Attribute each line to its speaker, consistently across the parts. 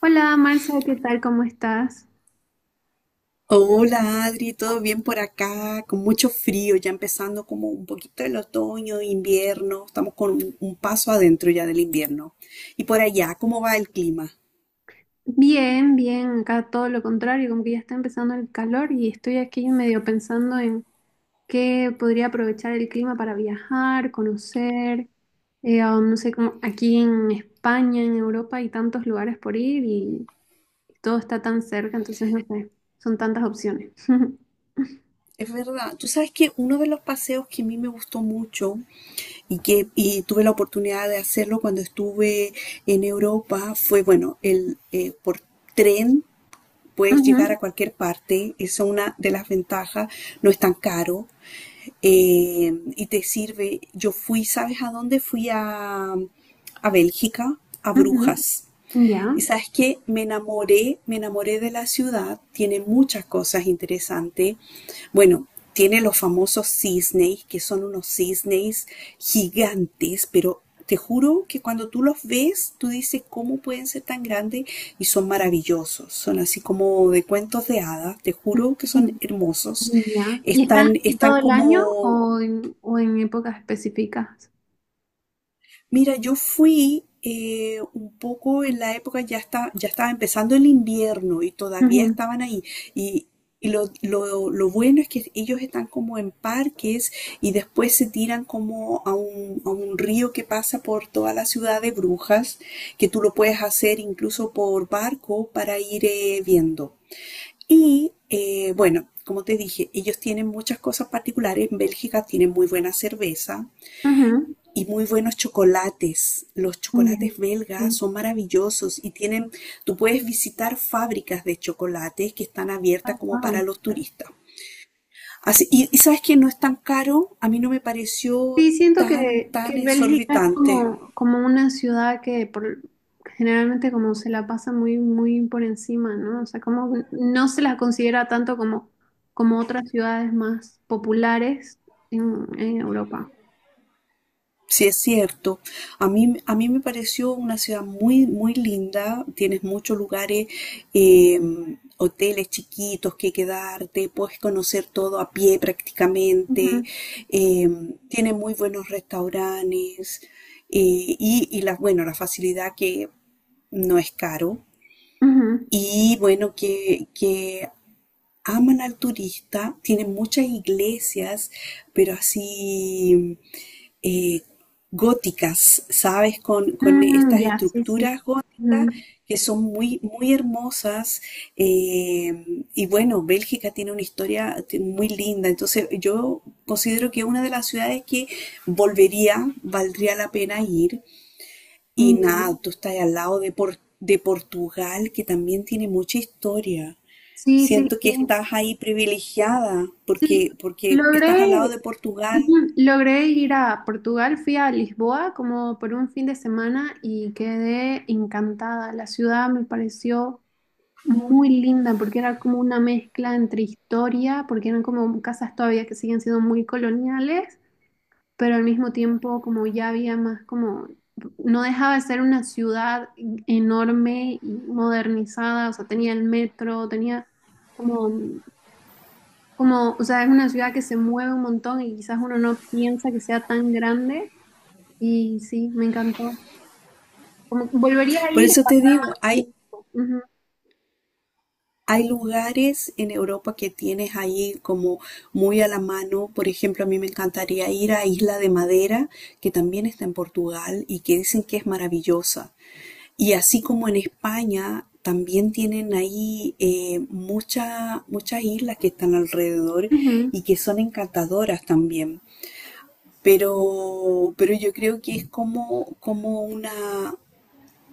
Speaker 1: Hola Marcia, ¿qué tal? ¿Cómo estás?
Speaker 2: Hola Adri, ¿todo bien por acá? Con mucho frío, ya empezando como un poquito el otoño, invierno, estamos con un paso adentro ya del invierno. Y por allá, ¿cómo va el clima?
Speaker 1: Bien, bien, acá todo lo contrario, como que ya está empezando el calor y estoy aquí medio pensando en qué podría aprovechar el clima para viajar, conocer, no sé, como aquí en España, en Europa hay tantos lugares por ir y todo está tan cerca, entonces no sé, son tantas opciones.
Speaker 2: Es verdad, tú sabes que uno de los paseos que a mí me gustó mucho y tuve la oportunidad de hacerlo cuando estuve en Europa fue, bueno, el por tren puedes llegar
Speaker 1: Ujú,
Speaker 2: a cualquier parte, es una de las ventajas, no es tan caro, y te sirve. Yo fui, ¿sabes a dónde? Fui a Bélgica, a
Speaker 1: ujú,
Speaker 2: Brujas.
Speaker 1: ya,
Speaker 2: Y sabes que me enamoré de la ciudad, tiene muchas cosas interesantes. Bueno, tiene los famosos cisnes, que son unos cisnes gigantes, pero te juro que cuando tú los ves, tú dices cómo pueden ser tan grandes y son maravillosos. Son así como de cuentos de hadas, te juro que son
Speaker 1: ujú,
Speaker 2: hermosos.
Speaker 1: ya. ¿Y están
Speaker 2: Están,
Speaker 1: así
Speaker 2: están
Speaker 1: todo el
Speaker 2: como...
Speaker 1: año o o en épocas específicas?
Speaker 2: Mira, yo fui un poco en la época, ya está, ya estaba empezando el invierno y todavía estaban ahí. Y, lo bueno es que ellos están como en parques y después se tiran como a a un río que pasa por toda la ciudad de Brujas, que tú lo puedes hacer incluso por barco para ir viendo. Y bueno, como te dije, ellos tienen muchas cosas particulares. En Bélgica tienen muy buena cerveza
Speaker 1: Ujú,
Speaker 2: y muy buenos chocolates. Los
Speaker 1: ya.
Speaker 2: chocolates belgas
Speaker 1: Sí.
Speaker 2: son maravillosos y tienen, tú puedes visitar fábricas de chocolates que están abiertas
Speaker 1: Ah,
Speaker 2: como
Speaker 1: wow.
Speaker 2: para los turistas. Así, y sabes que no es tan caro, a mí no me pareció
Speaker 1: Sí, siento
Speaker 2: tan, tan
Speaker 1: que Bélgica es
Speaker 2: exorbitante.
Speaker 1: como, como una ciudad que generalmente como se la pasa muy, muy por encima, ¿no? O sea, como no se la considera tanto como, como otras ciudades más populares en Europa.
Speaker 2: Sí, es cierto. A mí me pareció una ciudad muy, muy linda. Tienes muchos lugares, eh, hoteles chiquitos que quedarte, puedes conocer todo a pie prácticamente.
Speaker 1: Ujú,
Speaker 2: eh, Tiene muy buenos restaurantes, y la, bueno, la facilidad que no es caro.
Speaker 1: ujú.
Speaker 2: Y bueno, que aman al turista, tienen muchas iglesias, pero así eh, góticas, ¿sabes? Con
Speaker 1: Mm,
Speaker 2: estas
Speaker 1: ya, sí, sí.
Speaker 2: estructuras góticas
Speaker 1: Ujú,
Speaker 2: que son muy, muy hermosas. eh, y bueno, Bélgica tiene una historia muy linda, entonces yo considero que es una de las ciudades que volvería, valdría la pena ir. Y
Speaker 1: mm,
Speaker 2: nada,
Speaker 1: ya.
Speaker 2: tú estás al lado de, de Portugal, que también tiene mucha historia.
Speaker 1: Sí, sí,
Speaker 2: Siento que
Speaker 1: sí.
Speaker 2: estás ahí privilegiada
Speaker 1: Sí,
Speaker 2: porque, porque estás al lado
Speaker 1: logré,
Speaker 2: de Portugal.
Speaker 1: ujú. Logré ir a Portugal, fui a Lisboa como por un fin de semana y quedé encantada. La ciudad me pareció muy linda porque era como una mezcla entre historia, porque eran como casas todavía que siguen siendo muy coloniales, pero al mismo tiempo como ya había más como, no dejaba de ser una ciudad enorme y modernizada, o sea, tenía el metro, Como como, o sea, es una ciudad que se mueve un montón y quizás uno no piensa que sea tan grande. Y sí, me encantó. Como que volvería a
Speaker 2: Por
Speaker 1: ir
Speaker 2: eso
Speaker 1: para
Speaker 2: te digo, hay,
Speaker 1: tiempo. Ujú,
Speaker 2: hay lugares en Europa que tienes ahí como muy a la mano. Por ejemplo, a mí me encantaría ir a Isla de Madera, que también está en Portugal y que dicen que es maravillosa. Y así como en España, también tienen ahí muchas islas que están alrededor
Speaker 1: ujú,
Speaker 2: y que son encantadoras también. Pero yo creo que es como, como una...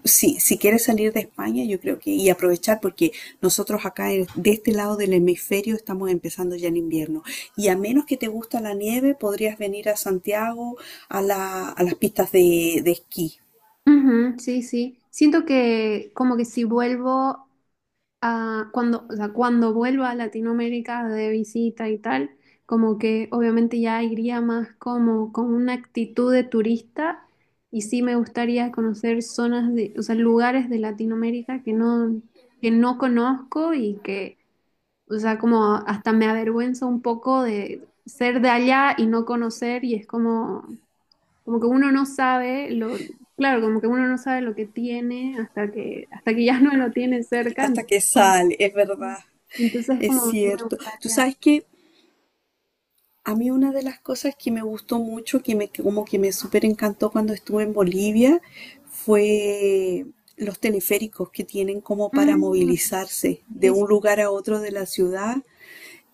Speaker 2: Sí, si quieres salir de España, yo creo que... Y aprovechar, porque nosotros acá de este lado del hemisferio estamos empezando ya el invierno. Y a menos que te gusta la nieve, podrías venir a Santiago a las pistas de esquí.
Speaker 1: ujú, sí, sí. Siento que como que si vuelvo o sea, cuando vuelva a Latinoamérica de visita y tal, como que obviamente ya iría más como con una actitud de turista y sí me gustaría conocer zonas de, o sea, lugares de Latinoamérica que no conozco y que, o sea, como hasta me avergüenza un poco de ser de allá y no conocer y es como, como que uno no sabe lo, claro, como que uno no sabe lo que tiene hasta que ya no lo tiene cerca.
Speaker 2: Hasta que sale, es verdad.
Speaker 1: Entonces,
Speaker 2: Es
Speaker 1: como que me
Speaker 2: cierto. Tú
Speaker 1: gustaría.
Speaker 2: sabes que... A mí una de las cosas que me gustó mucho, que me, que como que me súper encantó cuando estuve en Bolivia, fue los teleféricos que tienen como para
Speaker 1: Mm,
Speaker 2: movilizarse de
Speaker 1: sí, sí.
Speaker 2: un lugar a otro de la ciudad,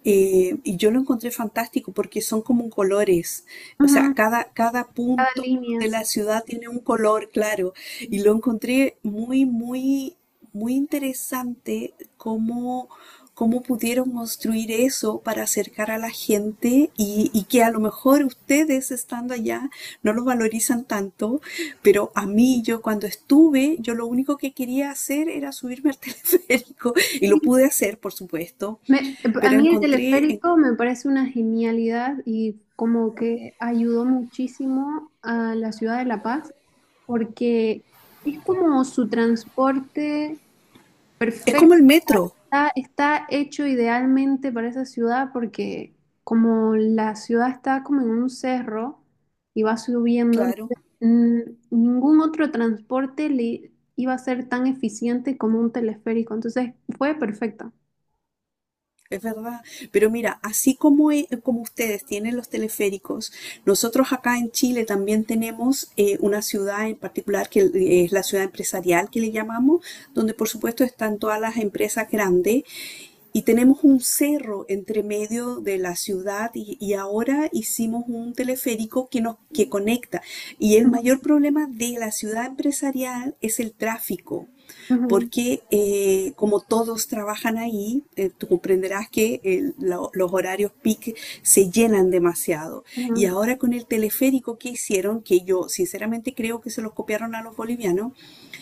Speaker 2: y yo lo encontré fantástico porque son como colores. O sea,
Speaker 1: Ujú,
Speaker 2: cada, cada
Speaker 1: cada
Speaker 2: punto
Speaker 1: línea,
Speaker 2: de
Speaker 1: sí.
Speaker 2: la ciudad tiene un color claro. Y lo encontré muy, muy, muy interesante cómo, cómo pudieron construir eso para acercar a la gente y que a lo mejor ustedes estando allá no lo valorizan tanto, pero a mí yo cuando estuve, yo lo único que quería hacer era subirme al teleférico y
Speaker 1: Sí,
Speaker 2: lo pude
Speaker 1: sí.
Speaker 2: hacer, por supuesto,
Speaker 1: Me- a
Speaker 2: pero
Speaker 1: mí el
Speaker 2: encontré,
Speaker 1: teleférico me parece una genialidad y como que ayudó muchísimo a la ciudad de La Paz porque es como su transporte
Speaker 2: es como
Speaker 1: perfecto.
Speaker 2: el metro,
Speaker 1: Está hecho idealmente para esa ciudad porque como la ciudad está como en un cerro y va subiendo,
Speaker 2: claro,
Speaker 1: entonces, ningún otro transporte le iba a ser tan eficiente como un teleférico. Entonces fue perfecto.
Speaker 2: es verdad. Pero mira, así como, como ustedes tienen los teleféricos, nosotros acá en Chile también tenemos una ciudad en particular que es la ciudad empresarial que le llamamos, donde por supuesto están todas las empresas grandes. Y tenemos un cerro entre medio de la ciudad y ahora hicimos un teleférico que
Speaker 1: Ujú,
Speaker 2: conecta. Y el mayor problema de la ciudad empresarial es el tráfico,
Speaker 1: ujú,
Speaker 2: porque como todos trabajan ahí, tú comprenderás que los horarios peak se llenan demasiado. Y
Speaker 1: ujú,
Speaker 2: ahora con el teleférico que hicieron, que yo sinceramente creo que se los copiaron a los bolivianos,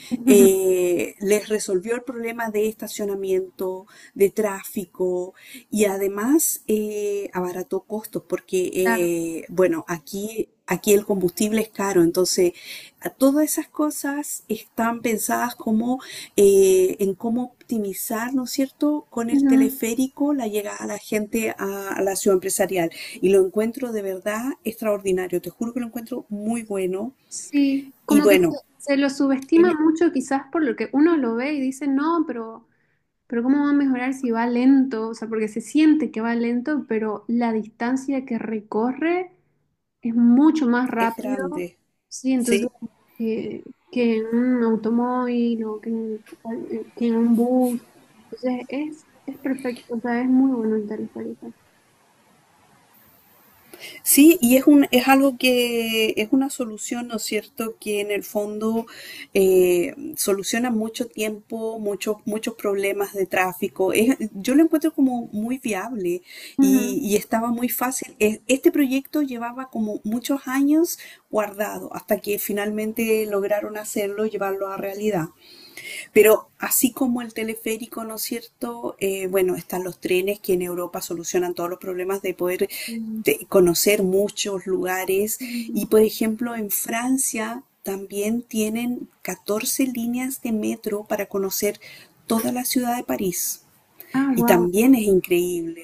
Speaker 1: ujú,
Speaker 2: les resolvió el problema de estacionamiento, de tráfico y además abarató costos porque,
Speaker 1: claro.
Speaker 2: bueno, aquí, aquí el combustible es caro, entonces a todas esas cosas están pensadas como en cómo optimizar, ¿no es cierto?, con el
Speaker 1: Ujú.
Speaker 2: teleférico la llegada a la gente a la ciudad empresarial. Y lo encuentro de verdad extraordinario, te juro que lo encuentro muy bueno.
Speaker 1: Sí,
Speaker 2: Y
Speaker 1: como que se,
Speaker 2: bueno,
Speaker 1: se lo subestima
Speaker 2: en-
Speaker 1: mucho quizás por lo que uno lo ve y dice, no, Pero ¿cómo va a mejorar si va lento? O sea, porque se siente que va lento, pero la distancia que recorre es mucho más
Speaker 2: es
Speaker 1: rápido.
Speaker 2: grande.
Speaker 1: Sí, entonces
Speaker 2: Sí,
Speaker 1: que, que en un automóvil o que en un bus. Entonces es perfecto, o sea, es muy bueno el teleférico.
Speaker 2: sí, y es un, es algo que es una solución, ¿no es cierto?, que en el fondo soluciona mucho tiempo, muchos, muchos problemas de tráfico. Yo lo encuentro como muy viable
Speaker 1: Ujú.
Speaker 2: y estaba muy fácil. Este proyecto llevaba como muchos años guardado hasta que finalmente lograron hacerlo, llevarlo a realidad. Pero así como el teleférico, ¿no es cierto? Bueno, están los trenes que en Europa solucionan todos los problemas de poder
Speaker 1: Mm,
Speaker 2: de conocer muchos lugares.
Speaker 1: mm.
Speaker 2: Y por ejemplo, en Francia también tienen 14 líneas de metro para conocer toda la ciudad de París.
Speaker 1: Ah,
Speaker 2: Y
Speaker 1: wow.
Speaker 2: también es increíble.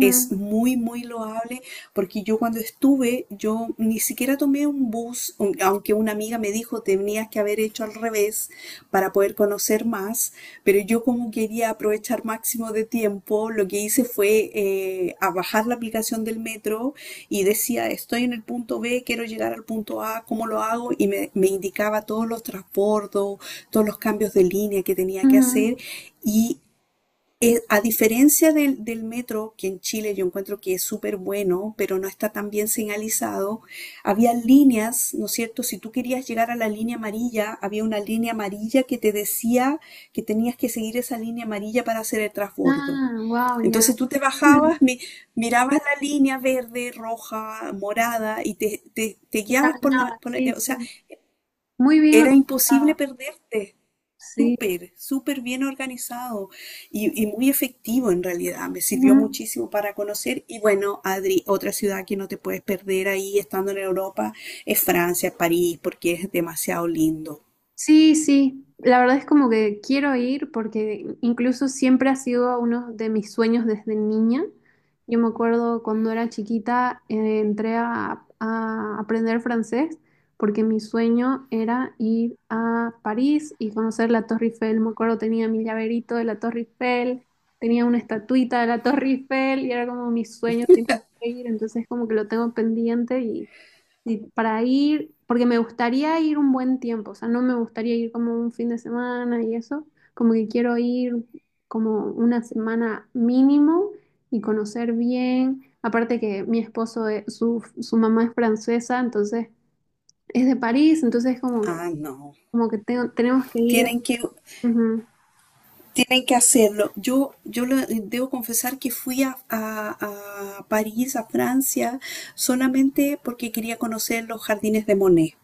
Speaker 2: Es muy, muy loable porque yo cuando estuve, yo ni siquiera tomé un bus, aunque una amiga me dijo tenías que haber hecho al revés para poder conocer más, pero yo como quería aprovechar máximo de tiempo, lo que hice fue a bajar la aplicación del metro y decía estoy en el punto B, quiero llegar al punto A, ¿cómo lo hago? Y me indicaba todos los transbordos, todos los cambios de línea que tenía que
Speaker 1: ujú.
Speaker 2: hacer y a diferencia del, del metro, que en Chile yo encuentro que es súper bueno, pero no está tan bien señalizado, había líneas, ¿no es cierto? Si tú querías llegar a la línea amarilla, había una línea amarilla que te decía que tenías que seguir esa línea amarilla para hacer el transbordo.
Speaker 1: Ah, wow, ya.
Speaker 2: Entonces tú te
Speaker 1: Ujú.
Speaker 2: bajabas, mirabas la línea verde, roja, morada y te, te
Speaker 1: Y
Speaker 2: guiabas por la...
Speaker 1: caminaba, sí,
Speaker 2: o sea,
Speaker 1: sí. Muy bien
Speaker 2: era imposible
Speaker 1: organizado.
Speaker 2: perderte,
Speaker 1: Sí.
Speaker 2: súper, súper bien organizado y muy efectivo en realidad. Me sirvió
Speaker 1: Ujú.
Speaker 2: muchísimo para conocer. Y bueno, Adri, otra ciudad que no te puedes perder ahí estando en Europa es Francia, París, porque es demasiado lindo.
Speaker 1: Sí, sí, la verdad es como que quiero ir porque incluso siempre ha sido uno de mis sueños desde niña. Yo me acuerdo cuando era chiquita, entré a aprender francés porque mi sueño era ir a París y conocer la Torre Eiffel. Me acuerdo tenía mi llaverito de la Torre Eiffel, tenía una estatuita de la Torre Eiffel y era como mi sueño siempre ir, entonces como que lo tengo pendiente y. Sí, para ir, porque me gustaría ir un buen tiempo, o sea, no me gustaría ir como un fin de semana y eso, como que quiero ir como una semana mínimo y conocer bien. Aparte que mi esposo, su mamá es francesa, entonces es de París, entonces como que,
Speaker 2: Ah, no.
Speaker 1: como que tenemos que ir.
Speaker 2: Tienen que...
Speaker 1: Ujú.
Speaker 2: Tienen que hacerlo. Yo, debo confesar que fui a, a París, a Francia, solamente porque quería conocer los jardines de Monet.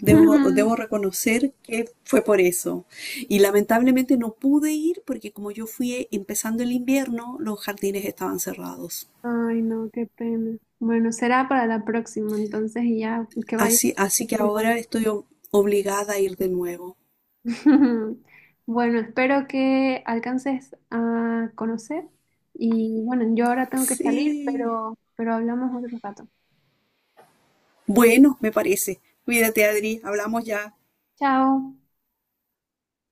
Speaker 2: Debo, debo reconocer que fue por eso. Y lamentablemente no pude ir porque como yo fui empezando el invierno, los jardines estaban cerrados.
Speaker 1: Ay, no, qué pena. Bueno, será para la próxima, entonces y ya que vaya.
Speaker 2: Así, así que ahora estoy obligada a ir de nuevo.
Speaker 1: Bueno, espero que alcances a conocer y bueno, yo ahora tengo que salir,
Speaker 2: Sí.
Speaker 1: pero hablamos otro rato.
Speaker 2: Bueno, me parece. Cuídate, Adri. Hablamos ya.
Speaker 1: Chao.